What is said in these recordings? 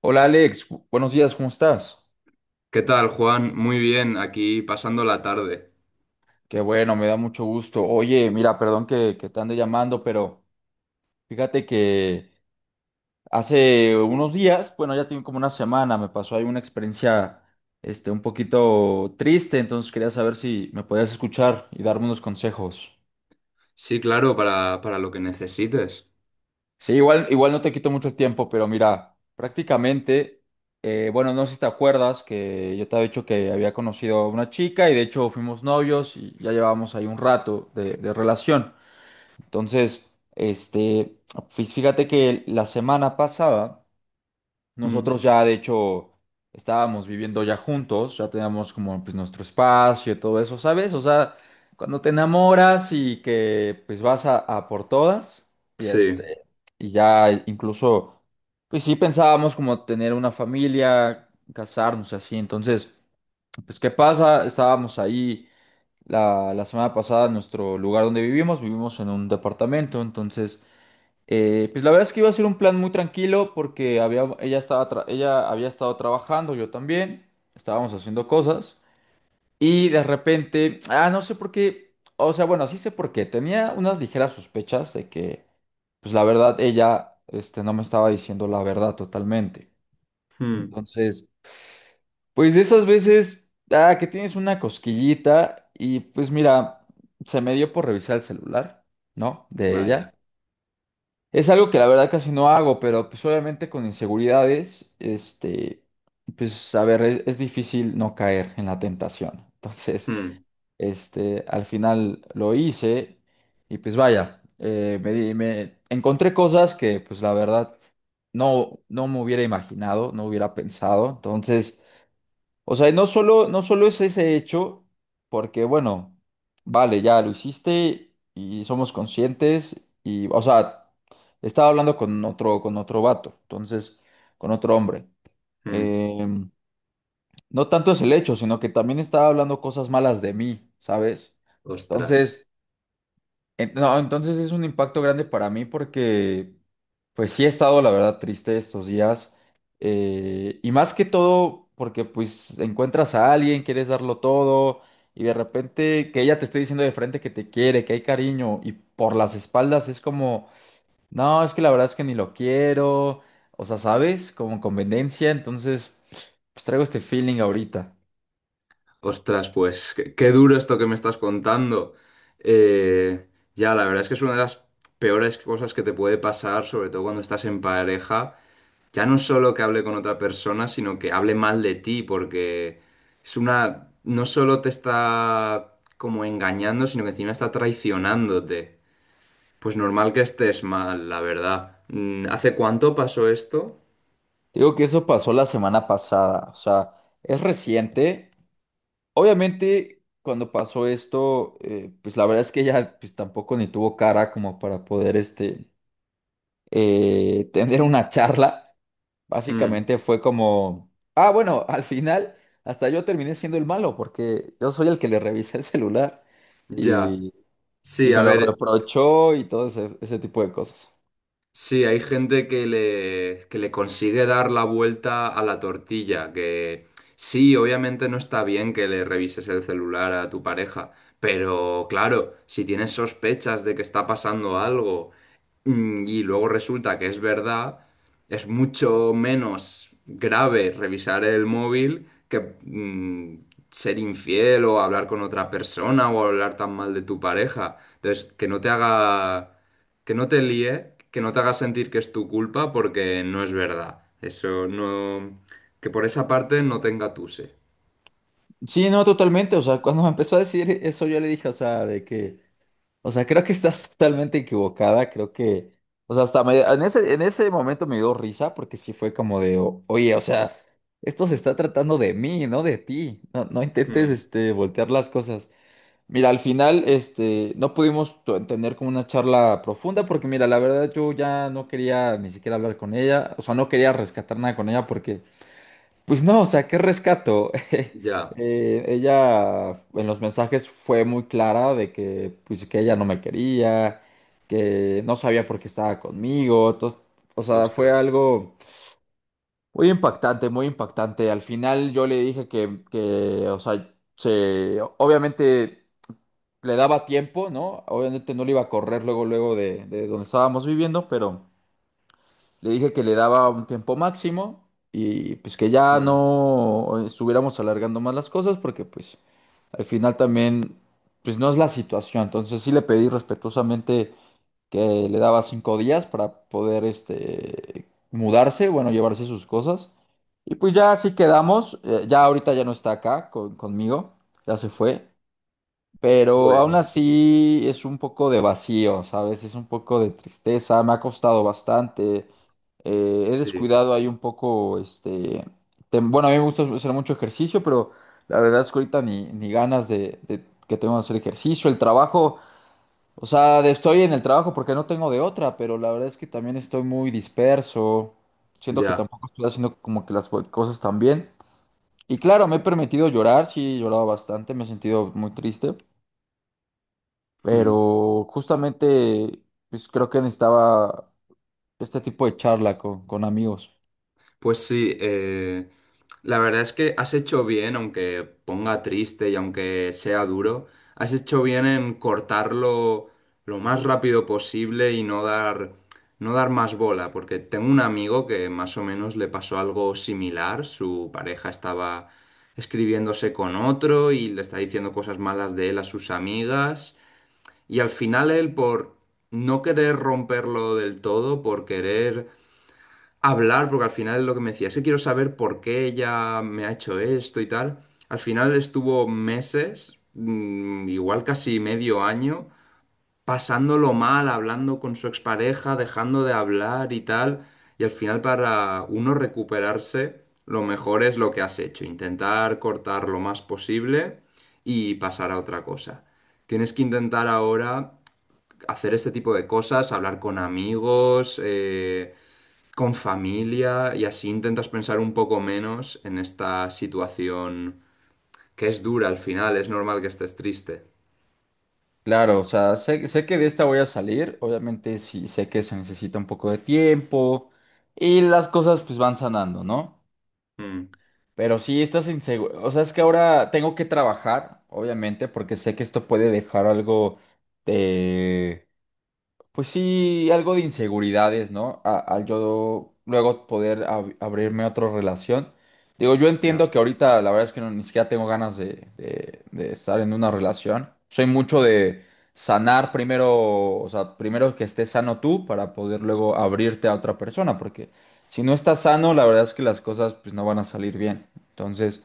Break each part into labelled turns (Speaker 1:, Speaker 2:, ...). Speaker 1: Hola Alex, buenos días, ¿cómo estás?
Speaker 2: ¿Qué tal, Juan? Muy bien, aquí pasando la tarde.
Speaker 1: Qué bueno, me da mucho gusto. Oye, mira, perdón que te ande llamando, pero fíjate que hace unos días, bueno, ya tiene como una semana, me pasó ahí una experiencia un poquito triste, entonces quería saber si me podías escuchar y darme unos consejos.
Speaker 2: Sí, claro, para lo que necesites.
Speaker 1: Sí, igual, igual no te quito mucho tiempo, pero mira, prácticamente, bueno, no sé si te acuerdas que yo te había dicho que había conocido a una chica y de hecho fuimos novios y ya llevábamos ahí un rato de relación. Entonces, este, fíjate que la semana pasada,
Speaker 2: Mm.
Speaker 1: nosotros ya de hecho estábamos viviendo ya juntos, ya teníamos como pues nuestro espacio y todo eso, ¿sabes? O sea, cuando te enamoras y que pues vas a por todas y
Speaker 2: Sí.
Speaker 1: y ya incluso, pues sí pensábamos como tener una familia, casarnos así, entonces, pues ¿qué pasa? Estábamos ahí la semana pasada en nuestro lugar donde vivimos, vivimos en un departamento, entonces pues la verdad es que iba a ser un plan muy tranquilo porque había, ella estaba ella había estado trabajando, yo también, estábamos haciendo cosas y de repente, ah, no sé por qué, o sea, bueno, sí sé por qué, tenía unas ligeras sospechas de que, pues la verdad, ella, no me estaba diciendo la verdad totalmente.
Speaker 2: Mm.
Speaker 1: Entonces, pues de esas veces, ah, que tienes una cosquillita y pues mira, se me dio por revisar el celular, ¿no? De
Speaker 2: Vaya.
Speaker 1: ella. Es algo que la verdad casi no hago, pero pues obviamente con inseguridades, pues a ver, es difícil no caer en la tentación. Entonces,
Speaker 2: Mm.
Speaker 1: al final lo hice y pues vaya, me encontré cosas que pues la verdad no me hubiera imaginado, no hubiera pensado. Entonces, o sea, y no solo, no solo es ese hecho, porque bueno, vale, ya lo hiciste y somos conscientes y, o sea, estaba hablando con otro vato, entonces, con otro hombre.
Speaker 2: Mm.
Speaker 1: Em, no tanto es el hecho, sino que también estaba hablando cosas malas de mí, ¿sabes?
Speaker 2: Ostras.
Speaker 1: Entonces, No, entonces es un impacto grande para mí porque, pues sí he estado, la verdad, triste estos días. Y más que todo porque, pues, encuentras a alguien, quieres darlo todo y de repente que ella te esté diciendo de frente que te quiere, que hay cariño y por las espaldas es como, no, es que la verdad es que ni lo quiero. O sea, ¿sabes? Como conveniencia. Entonces, pues traigo este feeling ahorita.
Speaker 2: Ostras, pues qué, qué duro esto que me estás contando. Eh, ya, la verdad es que es una de las peores cosas que te puede pasar, sobre todo cuando estás en pareja. Ya no solo que hable con otra persona, sino que hable mal de ti, porque no solo te está como engañando, sino que encima está traicionándote. Pues normal que estés mal, la verdad. ¿Hace cuánto pasó esto?
Speaker 1: Digo que eso pasó la semana pasada. O sea, es reciente. Obviamente, cuando pasó esto, pues la verdad es que ella pues, tampoco ni tuvo cara como para poder tener una charla.
Speaker 2: Hmm,
Speaker 1: Básicamente fue como, ah, bueno, al final hasta yo terminé siendo el malo porque yo soy el que le revisé el celular
Speaker 2: ya.
Speaker 1: y, y
Speaker 2: Sí,
Speaker 1: me
Speaker 2: a
Speaker 1: lo
Speaker 2: ver.
Speaker 1: reprochó y todo ese tipo de cosas.
Speaker 2: Sí, hay gente que le consigue dar la vuelta a la tortilla, que sí, obviamente no está bien que le revises el celular a tu pareja, pero claro, si tienes sospechas de que está pasando algo, y luego resulta que es verdad, es mucho menos grave revisar el móvil que ser infiel o hablar con otra persona o hablar tan mal de tu pareja. Entonces, que no te haga, que no te líe, que no te haga sentir que es tu culpa porque no es verdad. Eso no... Que por esa parte no te engatuse.
Speaker 1: Sí, no, totalmente. O sea, cuando me empezó a decir eso, yo le dije, o sea, de que... O sea, creo que estás totalmente equivocada. Creo que, o sea, en en ese momento me dio risa porque sí fue como de, oye, o sea, esto se está tratando de mí, no de ti. No, no intentes,
Speaker 2: Mm,
Speaker 1: voltear las cosas. Mira, al final, no pudimos tener como una charla profunda porque, mira, la verdad yo ya no quería ni siquiera hablar con ella. O sea, no quería rescatar nada con ella porque pues no, o sea, ¿qué rescato?
Speaker 2: ya,
Speaker 1: Ella en los mensajes fue muy clara de que, pues, que ella no me quería, que no sabía por qué estaba conmigo. Entonces, o sea, fue
Speaker 2: ostras.
Speaker 1: algo muy impactante, muy impactante. Al final yo le dije que, o sea, se, obviamente le daba tiempo, ¿no? Obviamente no le iba a correr luego, luego de donde estábamos viviendo, pero... Le dije que le daba un tiempo máximo y pues que ya
Speaker 2: Mm,
Speaker 1: no estuviéramos alargando más las cosas porque pues al final también pues no es la situación. Entonces sí le pedí respetuosamente que le daba 5 días para poder este mudarse, bueno, llevarse sus cosas. Y pues ya así quedamos. Ya ahorita ya no está acá conmigo, ya se fue. Pero aún
Speaker 2: pues
Speaker 1: así es un poco de vacío, ¿sabes? Es un poco de tristeza, me ha costado bastante. He
Speaker 2: sí,
Speaker 1: descuidado ahí un poco, bueno, a mí me gusta hacer mucho ejercicio, pero la verdad es que ahorita ni ganas de que tengo de hacer ejercicio. El trabajo, o sea, estoy en el trabajo porque no tengo de otra, pero la verdad es que también estoy muy disperso. Siento que
Speaker 2: ya.
Speaker 1: tampoco estoy haciendo como que las cosas tan bien. Y claro, me he permitido llorar, sí, he llorado bastante, me he sentido muy triste.
Speaker 2: Mm.
Speaker 1: Pero justamente, pues creo que necesitaba este tipo de charla con amigos.
Speaker 2: Pues sí, la verdad es que has hecho bien, aunque ponga triste y aunque sea duro, has hecho bien en cortarlo lo más rápido posible y no dar más bola, porque tengo un amigo que más o menos le pasó algo similar, su pareja estaba escribiéndose con otro y le está diciendo cosas malas de él a sus amigas y al final él por no querer romperlo del todo, por querer hablar, porque al final es lo que me decía, es que quiero saber por qué ella me ha hecho esto y tal. Al final estuvo meses, igual casi medio año, pasándolo mal, hablando con su expareja, dejando de hablar y tal. Y al final para uno recuperarse, lo mejor es lo que has hecho, intentar cortar lo más posible y pasar a otra cosa. Tienes que intentar ahora hacer este tipo de cosas, hablar con amigos, con familia y así intentas pensar un poco menos en esta situación que es dura al final, es normal que estés triste.
Speaker 1: Claro, o sea, sé que de esta voy a salir, obviamente sí sé que se necesita un poco de tiempo y las cosas pues van sanando, ¿no?
Speaker 2: Mm,
Speaker 1: Pero sí estás inseguro, o sea, es que ahora tengo que trabajar, obviamente, porque sé que esto puede dejar algo. Pues sí, algo de inseguridades, ¿no? Al yo luego poder abrirme a otra relación. Digo, yo
Speaker 2: ya.
Speaker 1: entiendo que ahorita la verdad es que no, ni siquiera tengo ganas de, de estar en una relación. Soy mucho de sanar primero, o sea, primero que estés sano tú para poder luego abrirte a otra persona, porque si no estás sano, la verdad es que las cosas pues no van a salir bien. Entonces,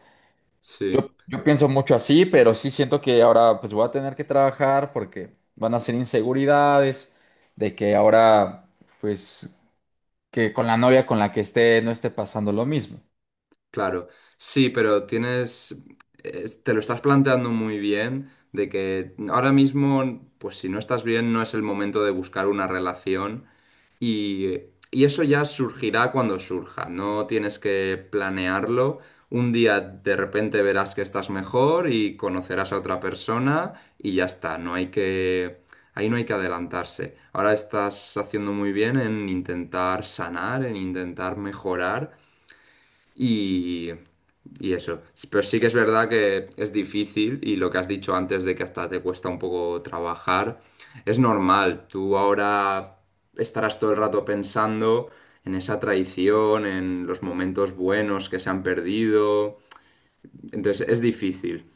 Speaker 2: Sí,
Speaker 1: yo pienso mucho así, pero sí siento que ahora pues voy a tener que trabajar porque van a ser inseguridades de que ahora pues que con la novia con la que esté no esté pasando lo mismo.
Speaker 2: claro. Sí, pero te lo estás planteando muy bien de que ahora mismo, pues si no estás bien, no es el momento de buscar una relación. Y, y eso ya surgirá cuando surja, no tienes que planearlo. Un día de repente verás que estás mejor y conocerás a otra persona y ya está, ahí no hay que adelantarse. Ahora estás haciendo muy bien en intentar sanar, en intentar mejorar y, y eso. Pero sí que es verdad que es difícil y lo que has dicho antes de que hasta te cuesta un poco trabajar, es normal. Tú ahora estarás todo el rato pensando en esa traición, en los momentos buenos que se han perdido. Entonces es difícil.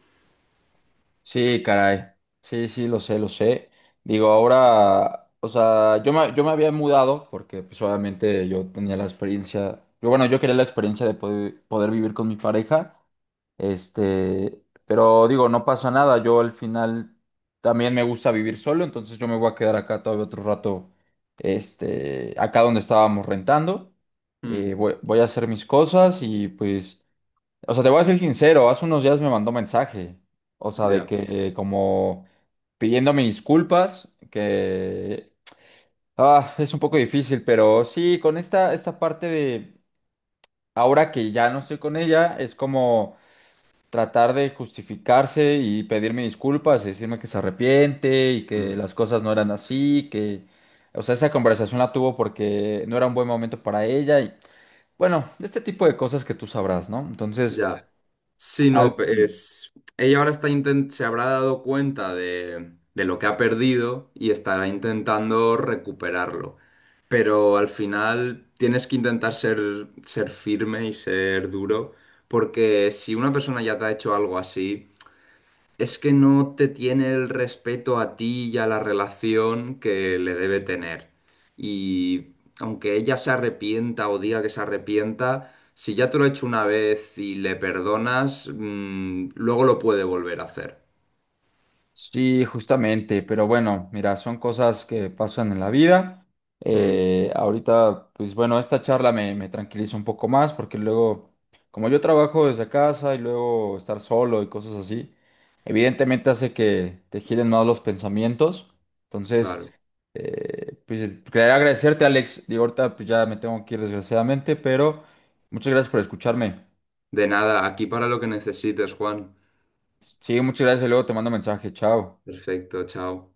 Speaker 1: Sí, caray. Sí, sí, lo sé, lo sé. Digo, ahora, o sea, yo me había mudado porque pues obviamente yo tenía la experiencia, yo bueno, yo quería la experiencia de poder, poder vivir con mi pareja. Pero digo, no pasa nada. Yo al final también me gusta vivir solo, entonces yo me voy a quedar acá todavía otro rato, acá donde estábamos rentando.
Speaker 2: Mm,
Speaker 1: Voy, voy a hacer mis cosas y pues, o sea, te voy a ser sincero, hace unos días me mandó mensaje, o sea, de
Speaker 2: ya.
Speaker 1: que como pidiéndome disculpas, que ah, es un poco difícil, pero sí, con esta parte de ahora que ya no estoy con ella, es como tratar de justificarse y pedirme disculpas y decirme que se arrepiente y que
Speaker 2: Mm,
Speaker 1: las cosas no eran así, que, o sea, esa conversación la tuvo porque no era un buen momento para ella y, bueno, este tipo de cosas que tú sabrás, ¿no? Entonces,
Speaker 2: ya. Sí,
Speaker 1: al
Speaker 2: no,
Speaker 1: fin.
Speaker 2: pues ella ahora se habrá dado cuenta de lo que ha perdido y estará intentando recuperarlo. Pero al final tienes que intentar ser, firme y ser duro, porque si una persona ya te ha hecho algo así, es que no te tiene el respeto a ti y a la relación que le debe tener. Y aunque ella se arrepienta o diga que se arrepienta, si ya te lo ha hecho una vez y le perdonas, luego lo puede volver a hacer.
Speaker 1: Sí, justamente, pero bueno, mira, son cosas que pasan en la vida.
Speaker 2: Mm,
Speaker 1: Ahorita, pues bueno, esta charla me tranquiliza un poco más porque luego, como yo trabajo desde casa y luego estar solo y cosas así, evidentemente hace que te giren más los pensamientos. Entonces,
Speaker 2: claro.
Speaker 1: pues quería agradecerte, Alex. Digo, ahorita pues ya me tengo que ir desgraciadamente, pero muchas gracias por escucharme.
Speaker 2: De nada, aquí para lo que necesites, Juan.
Speaker 1: Sí, muchas gracias y luego te mando mensaje. Chao.
Speaker 2: Perfecto, chao.